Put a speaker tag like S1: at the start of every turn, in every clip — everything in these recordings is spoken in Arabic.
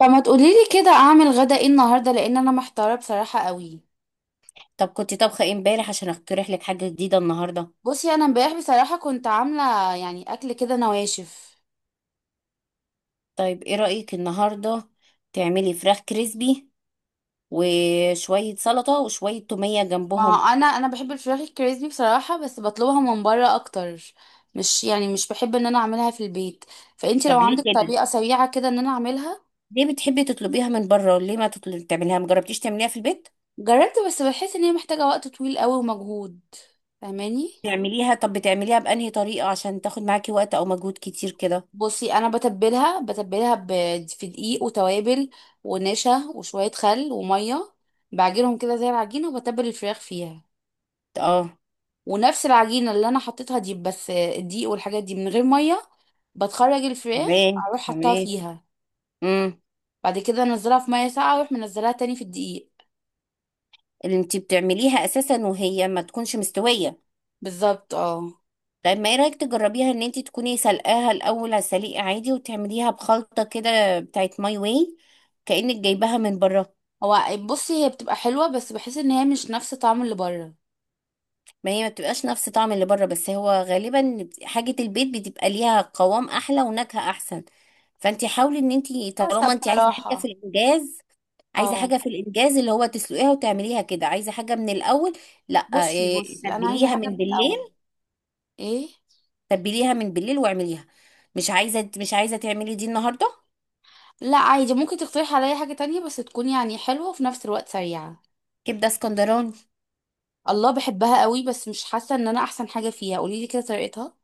S1: فما تقوليلي كده اعمل غدا ايه النهارده؟ لان انا محتاره بصراحه قوي.
S2: طب كنت طبخة ايه امبارح عشان اقترح لك حاجة جديدة النهاردة؟
S1: بصي، انا امبارح بصراحه كنت عامله يعني اكل كده نواشف.
S2: طيب ايه رأيك النهاردة تعملي فراخ كريسبي وشوية سلطة وشوية تومية
S1: ما
S2: جنبهم.
S1: هو انا بحب الفراخ الكريسبي بصراحه، بس بطلبها من بره اكتر. مش يعني، مش بحب ان انا اعملها في البيت. فانتي لو
S2: طب ليه
S1: عندك
S2: كده؟
S1: طريقه سريعه كده ان انا اعملها.
S2: ليه بتحبي تطلبيها من بره؟ ليه ما تطلب تعمليها؟ مجربتيش تعمليها في البيت؟
S1: جربت، بس بحس ان هي محتاجه وقت طويل قوي ومجهود. فاهماني؟
S2: تعمليها، طب بتعمليها بأنهي طريقة عشان تاخد معاكي وقت او مجهود كتير كده؟
S1: بصي، انا بتبلها في دقيق وتوابل، ونشا وشويه خل وميه. بعجنهم كده زي العجينه، وبتبل الفراخ فيها.
S2: اه،
S1: ونفس العجينه اللي انا حطيتها دي، بس الدقيق والحاجات دي من غير ميه. بتخرج الفراخ
S2: تمام
S1: اروح حطها
S2: تمام
S1: فيها.
S2: امم
S1: بعد كده انزلها في ميه ساقعه، واروح منزلها تاني في الدقيق.
S2: اللي انتي بتعمليها اساسا وهي ما تكونش مستوية.
S1: بالظبط، اه.
S2: طيب ما ايه رايك تجربيها ان انت تكوني سلقاها الاول على السليق عادي وتعمليها بخلطه كده بتاعت ماي واي، كانك جايباها من بره.
S1: هو، بصي هي بتبقى حلوه، بس بحس ان هي مش نفس طعم اللي بره.
S2: ما هي ما بتبقاش نفس طعم اللي بره، بس هو غالبا حاجه البيت بتبقى ليها قوام احلى ونكهه احسن. فانت حاولي ان انت،
S1: حسب
S2: طالما انت عايزه حاجه في
S1: بصراحه.
S2: الانجاز، عايزه
S1: اه.
S2: حاجه في الانجاز اللي هو تسلقيها وتعمليها كده، عايزه حاجه من الاول. لا،
S1: بصي بصي انا عايزه
S2: تبليها
S1: حاجه من
S2: من
S1: الاول.
S2: بالليل،
S1: ايه.
S2: تبليها من بالليل واعمليها. مش عايزه تعملي دي النهارده؟
S1: لا، عادي، ممكن تقترح عليا حاجة تانية بس تكون يعني حلوة وفي نفس الوقت سريعة.
S2: كبده اسكندراني.
S1: الله، بحبها قوي، بس مش حاسة ان انا احسن حاجة فيها. قولي لي كده طريقتها.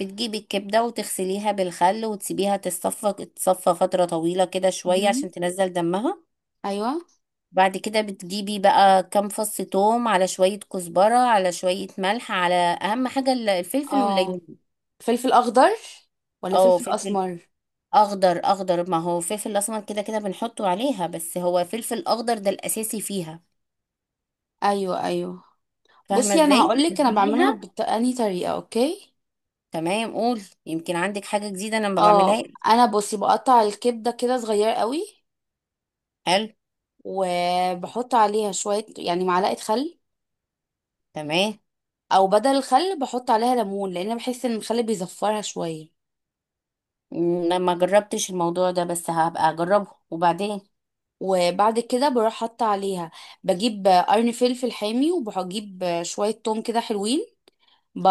S2: بتجيبي الكبدة وتغسليها بالخل وتسيبيها تصفى، فترة طويلة كده شوية عشان
S1: مهم.
S2: تنزل دمها.
S1: ايوه.
S2: بعد كده بتجيبي بقى كام فص توم على شوية كزبرة على شوية ملح، على أهم حاجة الفلفل
S1: اه.
S2: والليمون.
S1: فلفل اخضر، ولا
S2: أو
S1: فلفل
S2: فلفل
S1: اسمر؟
S2: أخضر، ما هو فلفل أسمر كده كده بنحطه عليها، بس هو فلفل أخضر ده الأساسي فيها.
S1: ايوه، ايوه.
S2: فاهمة
S1: بصي، انا
S2: ازاي
S1: هقولك انا بعملها
S2: تتبليها؟
S1: بأنهي طريقة. اوكي.
S2: تمام، قول، يمكن عندك حاجة جديدة أنا ما بعملها.
S1: اه، انا بصي بقطع الكبدة كده صغير قوي.
S2: حلو.
S1: وبحط عليها شوية يعني معلقة خل.
S2: تمام.
S1: او بدل الخل بحط عليها ليمون، لان بحس ان الخل بيزفرها شوية.
S2: أنا ما جربتش الموضوع ده بس هبقى اجربه. وبعدين؟
S1: وبعد كده بروح حاطة عليها. بجيب قرن فلفل حامي، وبجيب شوية توم كده حلوين.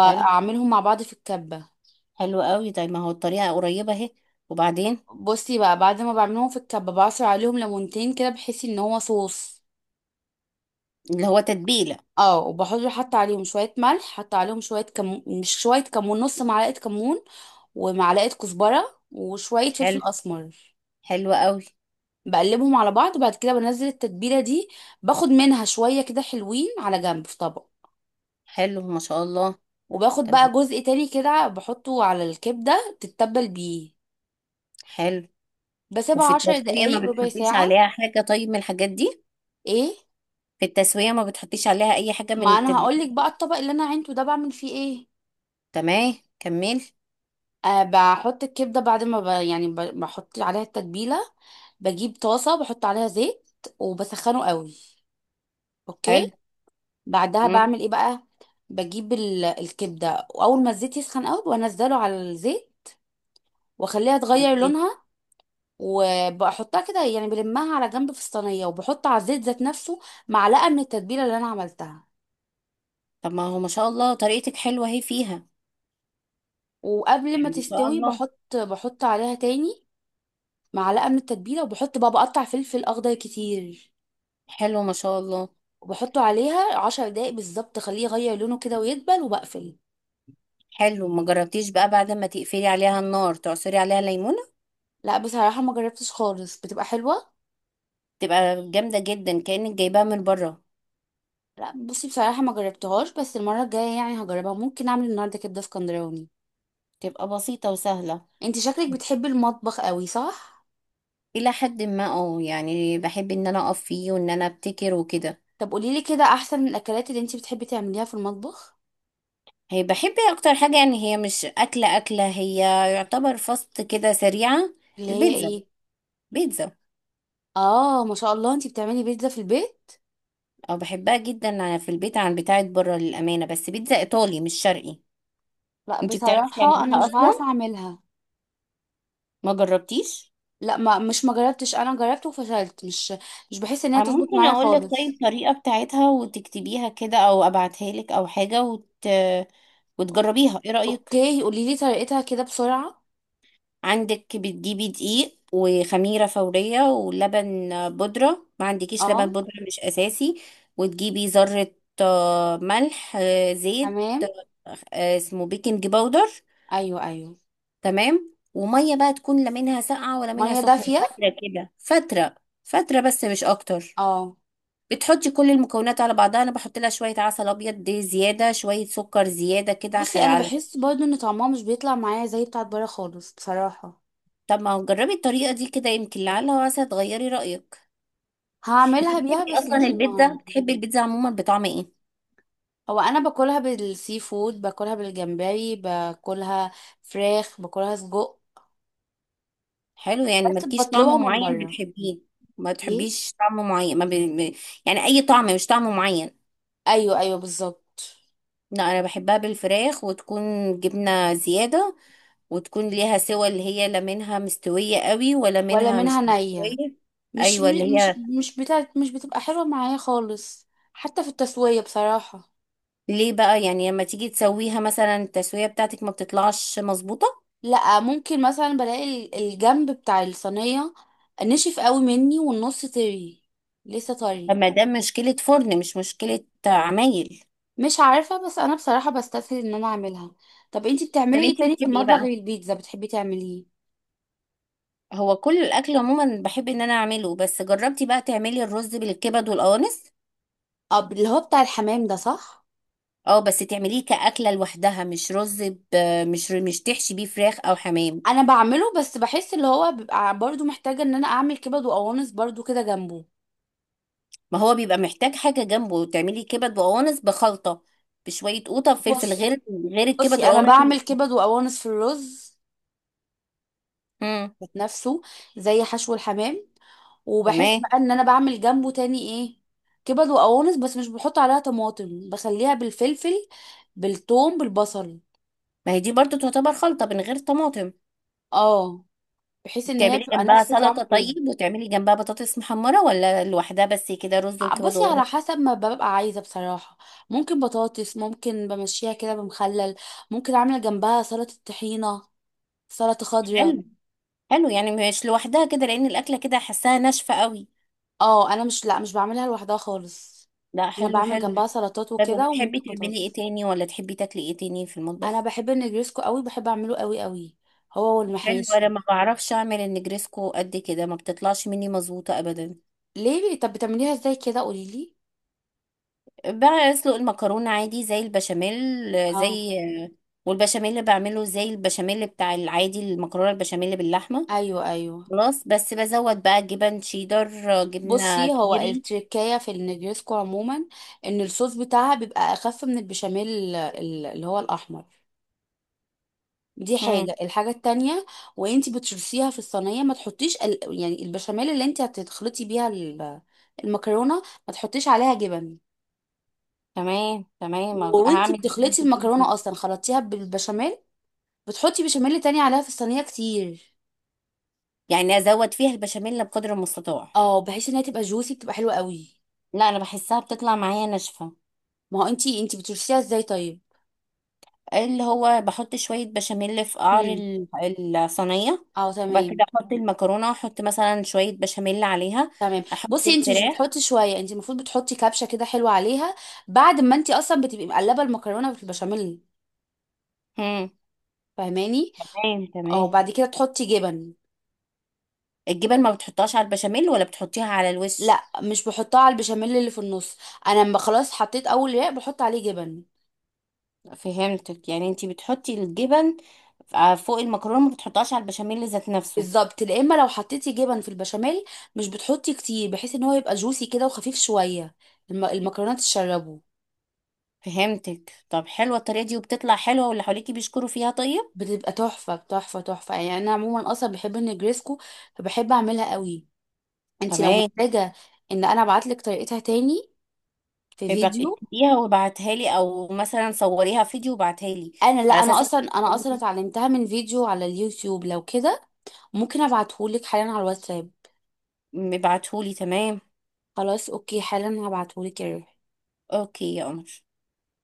S2: حلو،
S1: مع بعض في الكبة.
S2: حلو قوي، طيب ما هو الطريقة قريبة اهي. وبعدين؟
S1: بصي بقى، بعد ما بعملهم في الكبة بعصر عليهم ليمونتين كده بحيث ان هو صوص.
S2: اللي هو تتبيلة.
S1: اه، وبحط عليهم شوية ملح، حط عليهم شوية كمون، مش شوية كمون، نص معلقة كمون. ومعلقة كزبرة وشوية فلفل
S2: حلو،
S1: أسمر.
S2: حلو قوي.
S1: بقلبهم على بعض، وبعد كده بنزل التتبيلة دي. باخد منها شوية كده حلوين على جنب في طبق.
S2: حلو ما شاء الله.
S1: وباخد
S2: طب،
S1: بقى جزء تاني كده بحطه على الكبدة تتبل بيه.
S2: حلو. وفي
S1: بسيبها عشر
S2: التسوية
S1: دقايق
S2: ما
S1: ربع
S2: بتحطيش
S1: ساعة.
S2: عليها حاجة طيب من الحاجات دي؟
S1: ايه.
S2: في التسوية ما بتحطيش عليها أي حاجة من
S1: ما انا
S2: التتبيلة؟
S1: هقولك بقى. الطبق اللي انا عينته ده، بعمل فيه ايه.
S2: تمام، كمل.
S1: أه، بحط الكبدة بعد ما بحط عليها التتبيلة. بجيب طاسة، بحط عليها زيت. وبسخنه قوي.
S2: حلو.
S1: اوكي. بعدها
S2: مم.
S1: بعمل ايه بقى؟ بجيب الكبدة، واول ما الزيت يسخن قوي بنزله على الزيت. واخليها تغير لونها. وبحطها كده يعني بلمها على جنب في الصينيه، وبحط على الزيت ذات نفسه معلقه من التتبيله اللي انا عملتها.
S2: طب ما هو ما شاء الله طريقتك حلوة اهي فيها.
S1: وقبل ما
S2: يعني ما شاء
S1: تستوي
S2: الله.
S1: بحط عليها تاني معلقه من التتبيله، وبحط بقى بقطع فلفل اخضر كتير.
S2: حلو ما شاء الله.
S1: وبحطه عليها 10 دقايق بالظبط، اخليه يغير لونه كده ويدبل، وبقفل.
S2: حلو، ما جربتيش بقى بعد ما تقفلي عليها النار تعصري عليها ليمونة؟
S1: لا، بصراحه ما جربتش خالص، بتبقى حلوه.
S2: تبقى جامدة جدا كأنك جايباها من بره.
S1: لا، بصي بصراحه ما جربتهاش، بس المره الجايه يعني هجربها. ممكن اعمل النهارده كبده اسكندراني.
S2: تبقى بسيطة وسهلة.
S1: انت شكلك بتحبي المطبخ قوي، صح؟
S2: إلى حد ما اه، يعني بحب إن أنا أقف فيه وإن أنا أبتكر وكده.
S1: طب قوليلي كده احسن من الاكلات اللي انتي بتحبي تعمليها في المطبخ.
S2: هي بحب أكتر حاجة، يعني هي مش أكلة، هي يعتبر فاست كده سريعة.
S1: اللي هي
S2: البيتزا.
S1: ايه؟
S2: بيتزا.
S1: اه، ما شاء الله، انتي بتعملي بيتزا في البيت.
S2: أو بحبها جدا في البيت عن بتاعة بره للأمانة، بس بيتزا إيطالي مش شرقي.
S1: لا،
S2: أنتي بتعرفي
S1: بصراحة انا
S2: تعمليها
S1: مش بعرف
S2: أصلا؟
S1: اعملها.
S2: ما جربتيش؟
S1: لا، ما جربتش، انا جربت وفشلت، مش بحس ان هي
S2: أنا
S1: تظبط
S2: ممكن
S1: معايا
S2: أقول لك طيب
S1: خالص.
S2: الطريقة بتاعتها وتكتبيها كده أو أبعتها لك أو حاجة،
S1: أو-
S2: وتجربيها، إيه رأيك؟
S1: اوكي، قوليلي طريقتها كده بسرعة.
S2: عندك بتجيبي دقيق وخميرة فورية ولبن بودرة، ما عندكيش
S1: اه.
S2: لبن بودرة مش أساسي. وتجيبي ذرة، ملح، زيت،
S1: تمام.
S2: اسمه بيكنج باودر.
S1: ايوه، ايوه.
S2: تمام. ومية بقى تكون لا منها ساقعة ولا منها
S1: مية
S2: سخنة،
S1: دافية.
S2: فترة كده، فترة بس مش أكتر.
S1: اه.
S2: بتحطي كل المكونات على بعضها. أنا بحط لها شوية عسل أبيض دي زيادة، شوية سكر زيادة كده،
S1: بصي، انا
S2: على.
S1: بحس برضو ان طعمها مش بيطلع معايا زي بتاعت بره خالص، بصراحة.
S2: طب ما جربي الطريقة دي كده، يمكن لعلها واسع تغيري رأيك.
S1: هعملها بيها،
S2: بتحبي
S1: بس
S2: اصلا
S1: مش
S2: البيتزا؟
S1: النهاردة.
S2: بتحبي البيتزا عموما بطعم ايه؟
S1: هو انا باكلها بالسي فود، باكلها بالجمبري، باكلها فراخ، باكلها سجق.
S2: حلو، يعني
S1: بس
S2: مالكيش
S1: بطلبها
S2: طعم
S1: من
S2: معين
S1: بره.
S2: بتحبيه؟ ما
S1: ليه؟
S2: بتحبيش طعم معين ما ب... ب- يعني اي طعم مش طعم معين.
S1: ايوه، ايوه، بالظبط.
S2: لا انا بحبها بالفراخ وتكون جبنه زياده، وتكون ليها سوى اللي هي لا منها مستويه قوي ولا
S1: ولا
S2: منها
S1: منها
S2: مش
S1: نية.
S2: مستويه.
S1: مش
S2: ايوه اللي
S1: م- مش
S2: هي.
S1: مش بتاعت مش بتبقى حلوة معايا خالص. حتى في التسوية، بصراحة.
S2: ليه بقى يعني لما تيجي تسويها، مثلا التسويه بتاعتك ما بتطلعش مظبوطه؟
S1: لا، ممكن مثلا بلاقي الجنب بتاع الصينية نشف قوي مني، والنص طري، لسه طري.
S2: فما ده مشكله فرن مش مشكله عمايل.
S1: مش عارفة، بس انا بصراحة بستسهل ان انا اعملها. طب انتي
S2: طب
S1: بتعملي ايه
S2: انتي
S1: تاني في
S2: بتحبي ايه
S1: المطبخ غير
S2: بقى؟
S1: البيتزا بتحبي تعمليه؟
S2: هو كل الاكل عموما بحب ان انا اعمله، بس جربتي بقى تعملي الرز بالكبد والقوانص؟
S1: اه، اللي هو بتاع الحمام ده، صح؟
S2: اه بس تعمليه كأكلة لوحدها، مش رز ب... مش تحشي بيه فراخ او حمام.
S1: انا بعمله، بس بحس اللي هو بيبقى برضو محتاجة ان انا اعمل كبد وقوانص برضو كده جنبه.
S2: ما هو بيبقى محتاج حاجة جنبه، تعملي كبد وقوانص بخلطة بشوية قوطة وفلفل،
S1: بصي
S2: غير الكبد
S1: بصي انا
S2: والقوانص اللي،
S1: بعمل كبد وقوانص في الرز
S2: امم
S1: ذات نفسه، زي حشو الحمام. وبحس
S2: تمام.
S1: بقى ان انا بعمل جنبه تاني ايه، كبد وقوانص، بس مش بحط عليها طماطم، بخليها بالفلفل، بالثوم، بالبصل.
S2: ما هي دي برضو تعتبر خلطة من غير طماطم.
S1: اه، بحيث ان هي
S2: تعملي
S1: بتبقى
S2: جنبها
S1: نفس طعم
S2: سلطة
S1: الرز.
S2: طيب، وتعملي جنبها بطاطس محمرة، ولا لوحدها بس كده رز وكبد
S1: بصي، على
S2: وقوانص؟
S1: حسب ما ببقى عايزة، بصراحة. ممكن بطاطس، ممكن بمشيها كده بمخلل، ممكن اعمل جنبها سلطة طحينة، سلطة خضراء.
S2: حلو. حلو يعني، مش لوحدها كده لان الاكله كده حاساها ناشفه قوي.
S1: اه، انا مش بعملها لوحدها خالص.
S2: لا
S1: انا
S2: حلو،
S1: بعمل
S2: حلو.
S1: جنبها سلطات
S2: طيب
S1: وكده،
S2: وبتحبي
S1: وممكن
S2: تعملي ايه
S1: بطاطس.
S2: تاني ولا تحبي تاكلي ايه تاني في
S1: انا
S2: المطبخ؟
S1: بحب النجريسكو قوي، بحب اعمله قوي قوي، هو
S2: حلو،
S1: والمحاشي.
S2: انا ما بعرفش اعمل النجريسكو قد كده، ما بتطلعش مني مظبوطه ابدا.
S1: ليه؟ طب بتعمليها ازاي كده؟ قوليلي.
S2: بقى اسلق المكرونه عادي زي البشاميل، آه،
S1: اه.
S2: زي آه، والبشاميل اللي بعمله زي البشاميل بتاع العادي، المكرونه البشاميل باللحمه،
S1: ايوه، ايوه.
S2: خلاص. بس بزود بقى جبن شيدر، جبنه
S1: بصي، هو
S2: كيري.
S1: التركية في النجريسكو عموما، ان الصوص بتاعها بيبقى اخف من البشاميل، اللي هو الاحمر. دي
S2: امم
S1: حاجة. الحاجة التانية، وانتي بتشرسيها في الصينية ما تحطيش يعني البشاميل اللي انتي هتخلطي بيها المكرونة، ما تحطيش عليها جبن.
S2: تمام،
S1: وانتي
S2: هعمل زي ما
S1: بتخلطي
S2: انت بتقولي.
S1: المكرونة اصلا، خلطتيها بالبشاميل، بتحطي بشاميل تاني عليها في الصينية كتير.
S2: يعني ازود فيها البشاميل بقدر المستطاع؟
S1: اه، بحيث انها تبقى جوسي، بتبقى حلوة قوي.
S2: لا انا بحسها بتطلع معايا ناشفه.
S1: ما هو انتي بتشرسيها ازاي طيب؟
S2: اللي هو بحط شويه بشاميل في قعر
S1: هم.
S2: الصينيه،
S1: اه،
S2: وبعد
S1: تمام،
S2: كده احط المكرونه، احط مثلا شويه بشاميل عليها،
S1: تمام.
S2: احط
S1: بصي، انتي مش
S2: الفراخ.
S1: بتحطي شوية، انتي المفروض بتحطي كبشة كده حلوة عليها بعد ما انتي اصلا بتبقي مقلبة المكرونة في البشاميل.
S2: امم
S1: فاهماني؟
S2: تمام
S1: اه،
S2: تمام
S1: بعد كده تحطي جبن.
S2: الجبن ما بتحطهاش على البشاميل ولا بتحطيها على الوش؟
S1: لا، مش بحطها على البشاميل اللي في النص، انا لما خلاص حطيت اول رق بحط عليه جبن.
S2: فهمتك، يعني انتي بتحطي الجبن فوق المكرونه، ما بتحطهاش على البشاميل ذات نفسه.
S1: بالظبط. لا، اما لو حطيتي جبن في البشاميل، مش بتحطي كتير، بحيث ان هو يبقى جوسي كده وخفيف شويه، المكرونات تشربه.
S2: فهمتك. طب حلوه الطريقه دي وبتطلع حلوه واللي حواليكي بيشكروا فيها، طيب
S1: بتبقى تحفه تحفه تحفه، يعني انا عموما اصلا بحب النجريسكو، فبحب اعملها قوي. انت لو
S2: تمام.
S1: محتاجه ان انا ابعتلك طريقتها تاني في
S2: يبقى
S1: فيديو،
S2: اكتبيها وابعتها لي، او مثلا صوريها فيديو وابعتها لي،
S1: انا، لا،
S2: على
S1: انا
S2: اساس
S1: اصلا
S2: إنك-
S1: اتعلمتها من فيديو على اليوتيوب لو كده. ممكن ابعتهولك حالا على الواتساب.
S2: مبعتهولي. تمام.
S1: خلاص، اوكي، حالا هبعتهولك يا روحي.
S2: اوكي يا قمر.